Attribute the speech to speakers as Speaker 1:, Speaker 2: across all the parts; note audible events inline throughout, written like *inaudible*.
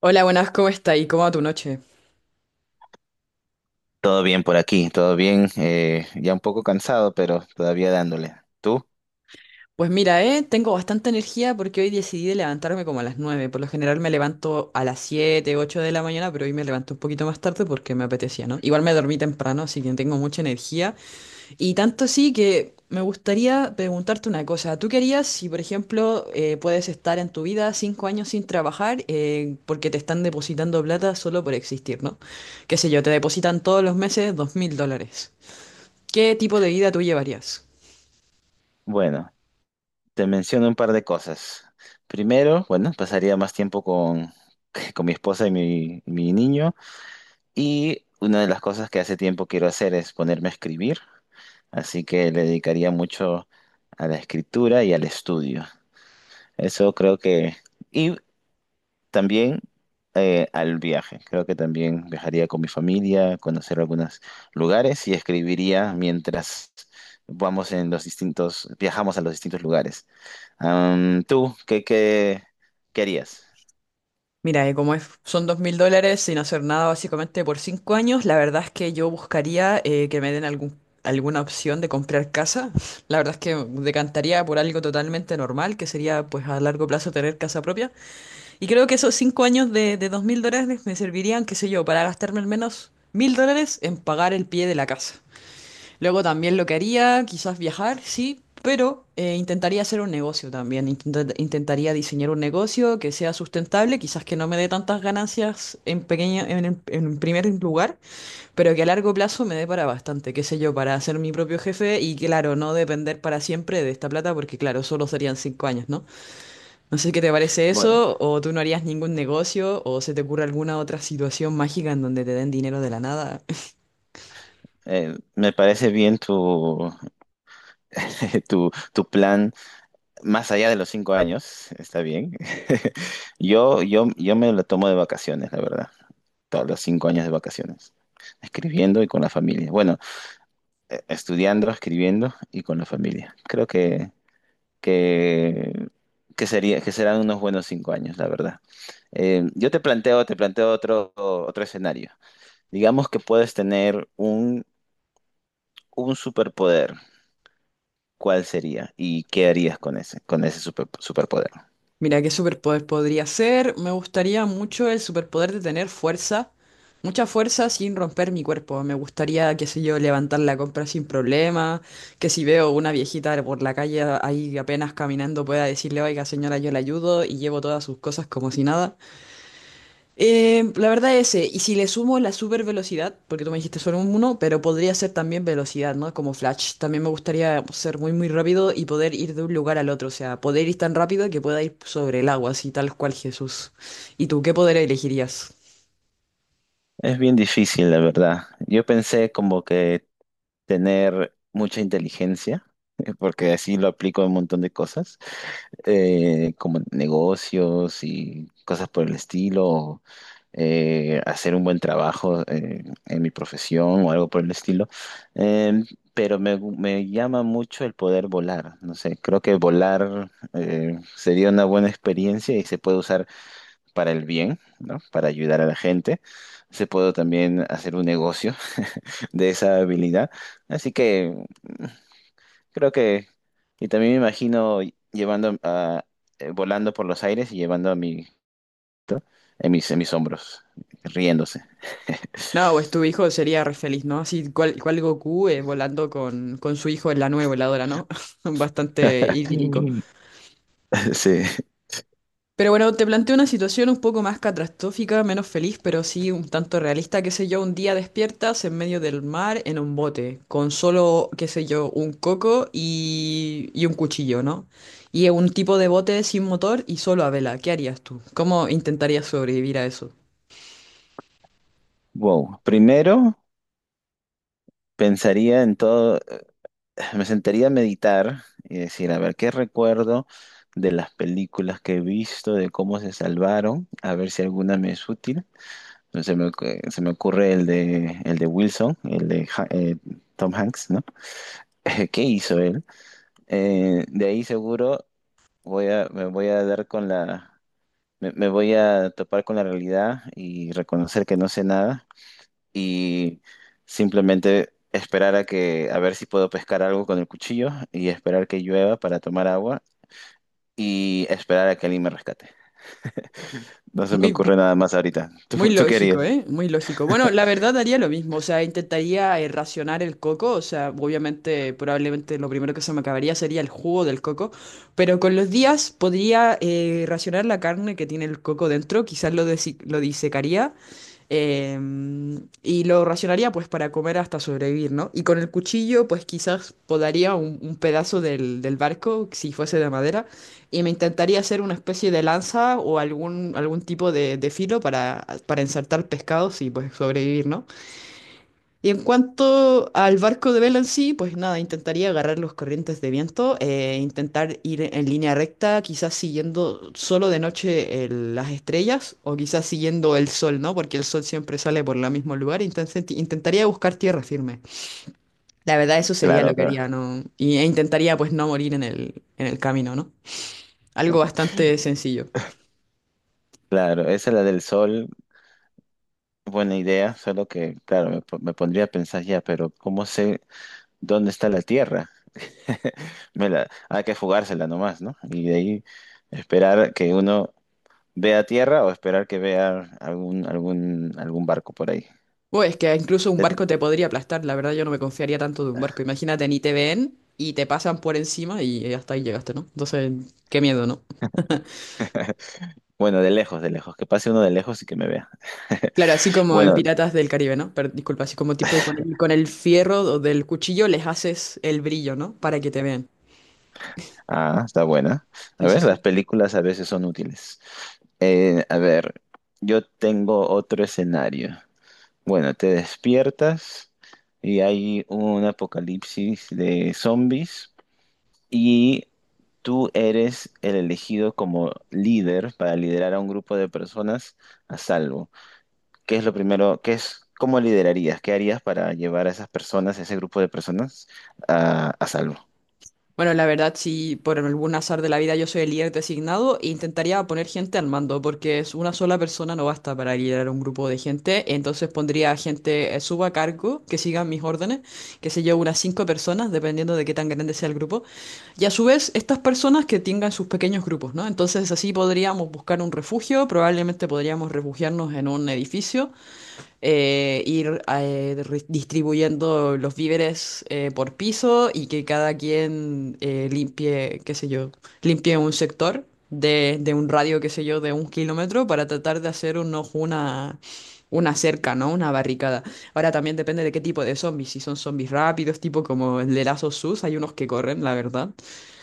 Speaker 1: Hola, buenas, ¿cómo está? ¿Y cómo va tu noche?
Speaker 2: Todo bien por aquí, todo bien. Ya un poco cansado, pero todavía dándole. ¿Tú?
Speaker 1: Pues mira, tengo bastante energía porque hoy decidí levantarme como a las 9. Por lo general me levanto a las 7, 8 de la mañana, pero hoy me levanto un poquito más tarde porque me apetecía, ¿no? Igual me dormí temprano, así que tengo mucha energía. Y tanto sí que me gustaría preguntarte una cosa. ¿Tú querías si, por ejemplo, puedes estar en tu vida 5 años sin trabajar porque te están depositando plata solo por existir? ¿No? Qué sé yo, te depositan todos los meses $2000. ¿Qué tipo de vida tú llevarías?
Speaker 2: Bueno, te menciono un par de cosas. Primero, bueno, pasaría más tiempo con, *laughs* con mi esposa y mi niño. Y una de las cosas que hace tiempo quiero hacer es ponerme a escribir. Así que le dedicaría mucho a la escritura y al estudio. Eso creo que. Y también al viaje. Creo que también viajaría con mi familia, conocer algunos lugares y escribiría mientras vamos en los distintos, viajamos a los distintos lugares. ¿Tú qué harías?
Speaker 1: Mira, como es, son $2000 sin hacer nada básicamente por 5 años. La verdad es que yo buscaría que me den algún, alguna opción de comprar casa. *laughs* La verdad es que decantaría por algo totalmente normal, que sería pues a largo plazo tener casa propia. Y creo que esos 5 años de $2000 me servirían, qué sé yo, para gastarme al menos $1000 en pagar el pie de la casa. Luego también lo que haría, quizás viajar, sí, pero intentaría hacer un negocio también. Intentaría diseñar un negocio que sea sustentable, quizás que no me dé tantas ganancias en pequeña, en primer lugar, pero que a largo plazo me dé para bastante, qué sé yo, para ser mi propio jefe y claro, no depender para siempre de esta plata, porque claro, solo serían 5 años, ¿no? No sé qué te parece
Speaker 2: Bueno,
Speaker 1: eso, o tú no harías ningún negocio, o se te ocurre alguna otra situación mágica en donde te den dinero de la nada.
Speaker 2: me parece bien tu, *laughs* tu plan más allá de los 5 años, está bien. *laughs* Yo me lo tomo de vacaciones, la verdad. Todos los 5 años de vacaciones escribiendo y con la familia. Bueno, estudiando, escribiendo y con la familia. Creo que, que serán unos buenos 5 años, la verdad. Yo te planteo otro escenario. Digamos que puedes tener un superpoder. ¿Cuál sería? ¿Y qué harías con ese superpoder?
Speaker 1: Mira, ¿qué superpoder podría ser? Me gustaría mucho el superpoder de tener fuerza, mucha fuerza sin romper mi cuerpo. Me gustaría, qué sé yo, levantar la compra sin problema, que si veo una viejita por la calle ahí apenas caminando pueda decirle: oiga señora, yo la ayudo y llevo todas sus cosas como si nada. La verdad ese, y si le sumo la super velocidad, porque tú me dijiste solo un uno, pero podría ser también velocidad, ¿no? Como Flash. También me gustaría ser muy, muy rápido y poder ir de un lugar al otro, o sea, poder ir tan rápido que pueda ir sobre el agua, así tal cual Jesús. ¿Y tú qué poder elegirías?
Speaker 2: Es bien difícil, la verdad. Yo pensé como que tener mucha inteligencia, *laughs* porque así lo aplico a un montón de cosas, como negocios y cosas por el estilo, hacer un buen trabajo en mi profesión o algo por el estilo. Eh, pero me llama mucho el poder volar. No sé, creo que volar sería una buena experiencia y se puede usar para el bien, ¿no? Para ayudar a la gente. Se puede también hacer un negocio *laughs* de esa habilidad. Así que creo que, y también me imagino llevando a, volando por los aires y llevando a mi, en mis hombros, riéndose.
Speaker 1: No, pues tu hijo sería re feliz, ¿no? Así cual Goku, volando con su hijo en la nueva voladora, ¿no? *laughs* Bastante idílico.
Speaker 2: Sí. *laughs* Sí.
Speaker 1: Pero bueno, te planteo una situación un poco más catastrófica, menos feliz, pero sí un tanto realista. Qué sé yo, un día despiertas en medio del mar en un bote, con solo, qué sé yo, un coco y un cuchillo, ¿no? Y un tipo de bote sin motor y solo a vela. ¿Qué harías tú? ¿Cómo intentarías sobrevivir a eso?
Speaker 2: Wow. Primero pensaría en todo, me sentaría a meditar y decir, a ver, ¿qué recuerdo de las películas que he visto, de cómo se salvaron? A ver si alguna me es útil. Entonces se me ocurre el de Wilson, el de Tom Hanks, ¿no? *laughs* ¿Qué hizo él? De ahí seguro me voy a dar con la, me voy a topar con la realidad y reconocer que no sé nada y simplemente esperar a que, a ver si puedo pescar algo con el cuchillo y esperar que llueva para tomar agua y esperar a que alguien me rescate. No se me
Speaker 1: Muy,
Speaker 2: ocurre nada más ahorita. *laughs* ¿Tú,
Speaker 1: Muy
Speaker 2: tú
Speaker 1: lógico,
Speaker 2: querías?
Speaker 1: ¿eh? Muy lógico. Bueno, la verdad haría lo mismo, o sea, intentaría racionar el coco, o sea, obviamente, probablemente lo primero que se me acabaría sería el jugo del coco, pero con los días podría racionar la carne que tiene el coco dentro, quizás lo disecaría eh, y lo racionaría pues para comer hasta sobrevivir, ¿no? Y con el cuchillo pues quizás podaría un pedazo del barco si fuese de madera, y me intentaría hacer una especie de lanza o algún tipo de filo para ensartar pescados y pues sobrevivir, ¿no? Y en cuanto al barco de vela en sí, pues nada, intentaría agarrar los corrientes de viento, intentar ir en línea recta, quizás siguiendo solo de noche las estrellas o quizás siguiendo el sol, ¿no? Porque el sol siempre sale por el mismo lugar, entonces intentaría buscar tierra firme. La verdad, eso sería lo
Speaker 2: Claro,
Speaker 1: que
Speaker 2: claro.
Speaker 1: haría, ¿no? E intentaría pues no morir en el camino, ¿no? Algo bastante sencillo.
Speaker 2: Claro, esa es la del sol, buena idea, solo que, claro, me pondría a pensar ya, pero ¿cómo sé dónde está la Tierra? *laughs* Vela, hay que jugársela nomás, ¿no? Y de ahí esperar que uno vea tierra o esperar que vea algún barco por ahí.
Speaker 1: Uy, es que incluso un
Speaker 2: De-
Speaker 1: barco te podría aplastar, la verdad yo no me confiaría tanto de un barco. Imagínate, ni te ven y te pasan por encima y hasta ahí llegaste, ¿no? Entonces, qué miedo, ¿no?
Speaker 2: bueno, de lejos, que pase uno de lejos y que me vea. *laughs*
Speaker 1: Claro, así como en
Speaker 2: Bueno,
Speaker 1: Piratas del Caribe, ¿no? Pero disculpa, así como tipo con el fierro o del cuchillo les haces el brillo, ¿no? Para que te vean.
Speaker 2: ah, está buena. A
Speaker 1: Sí, sí,
Speaker 2: ver, las
Speaker 1: sí.
Speaker 2: películas a veces son útiles. A ver, yo tengo otro escenario. Bueno, te despiertas y hay un apocalipsis de zombies. Y tú eres el elegido como líder para liderar a un grupo de personas a salvo. ¿Qué es lo primero? ¿Qué es, cómo liderarías? ¿Qué harías para llevar a esas personas, a ese grupo de personas, a salvo?
Speaker 1: Bueno, la verdad, si por algún azar de la vida yo soy el líder designado, e intentaría poner gente al mando, porque es una sola persona no basta para liderar un grupo de gente. Entonces pondría gente, suba a cargo, que sigan mis órdenes, que se lleve unas 5 personas, dependiendo de qué tan grande sea el grupo. Y a su vez, estas personas que tengan sus pequeños grupos, ¿no? Entonces así podríamos buscar un refugio, probablemente podríamos refugiarnos en un edificio, distribuyendo los víveres por piso y que cada quien limpie, qué sé yo, limpie un sector de un radio, qué sé yo, de 1 kilómetro, para tratar de hacer una cerca, ¿no? Una barricada. Ahora también depende de qué tipo de zombies, si son zombies rápidos, tipo como el de Last of Us, hay unos que corren, la verdad.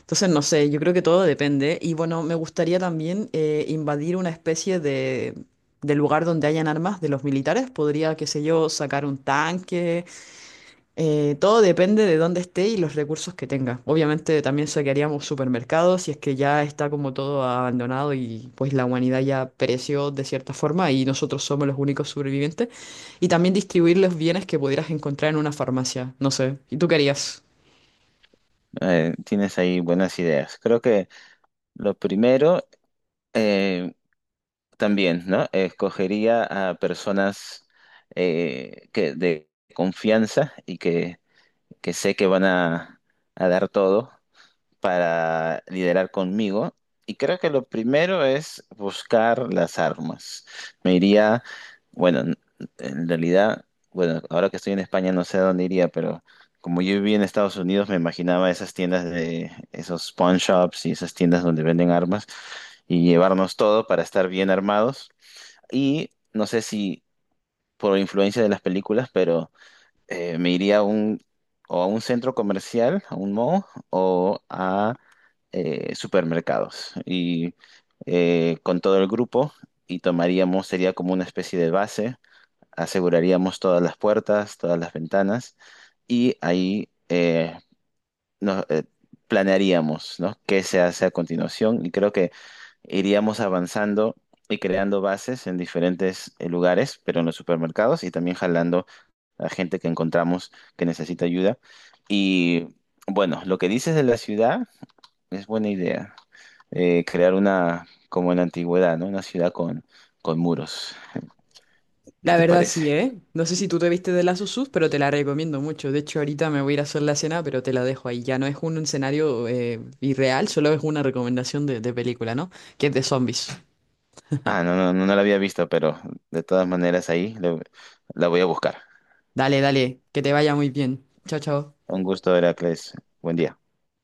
Speaker 1: Entonces, no sé, yo creo que todo depende. Y bueno, me gustaría también invadir una especie de lugar donde hayan armas de los militares. Podría, qué sé yo, sacar un tanque. Todo depende de dónde esté y los recursos que tenga. Obviamente también saquearíamos supermercados si es que ya está como todo abandonado y pues la humanidad ya pereció de cierta forma y nosotros somos los únicos sobrevivientes. Y también distribuir los bienes que pudieras encontrar en una farmacia. No sé. ¿Y tú qué harías?
Speaker 2: Tienes ahí buenas ideas. Creo que lo primero eh, también, ¿no? Escogería a personas que de confianza y que sé que van a dar todo para liderar conmigo. Y creo que lo primero es buscar las armas. Me iría, bueno, en realidad, bueno, ahora que estoy en España no sé a dónde iría, pero como yo viví en Estados Unidos me imaginaba esas tiendas de esos pawn shops y esas tiendas donde venden armas y llevarnos todo para estar bien armados. Y no sé si por influencia de las películas, pero me iría a un, o a un centro comercial, a un mall, o a supermercados y con todo el grupo y tomaríamos, sería como una especie de base, aseguraríamos todas las puertas, todas las ventanas y ahí nos, eh, planearíamos, ¿no? Qué se hace a continuación y creo que iríamos avanzando y creando bases en diferentes lugares, pero en los supermercados y también jalando a gente que encontramos que necesita ayuda. Y bueno, lo que dices de la ciudad es buena idea. Crear una, como en la antigüedad, ¿no? Una ciudad con muros. ¿Qué
Speaker 1: La
Speaker 2: te
Speaker 1: verdad sí,
Speaker 2: parece?
Speaker 1: ¿eh? No sé si tú te viste de Last of Us, pero te la recomiendo mucho. De hecho, ahorita me voy a ir a hacer la cena, pero te la dejo ahí. Ya no es un escenario irreal, solo es una recomendación de película, ¿no? Que es de zombies.
Speaker 2: Ah, no, no, no, no la había visto, pero de todas maneras ahí la voy a buscar.
Speaker 1: Dale, dale, que te vaya muy bien. Chao, chao.
Speaker 2: Un gusto, Heracles. Buen día.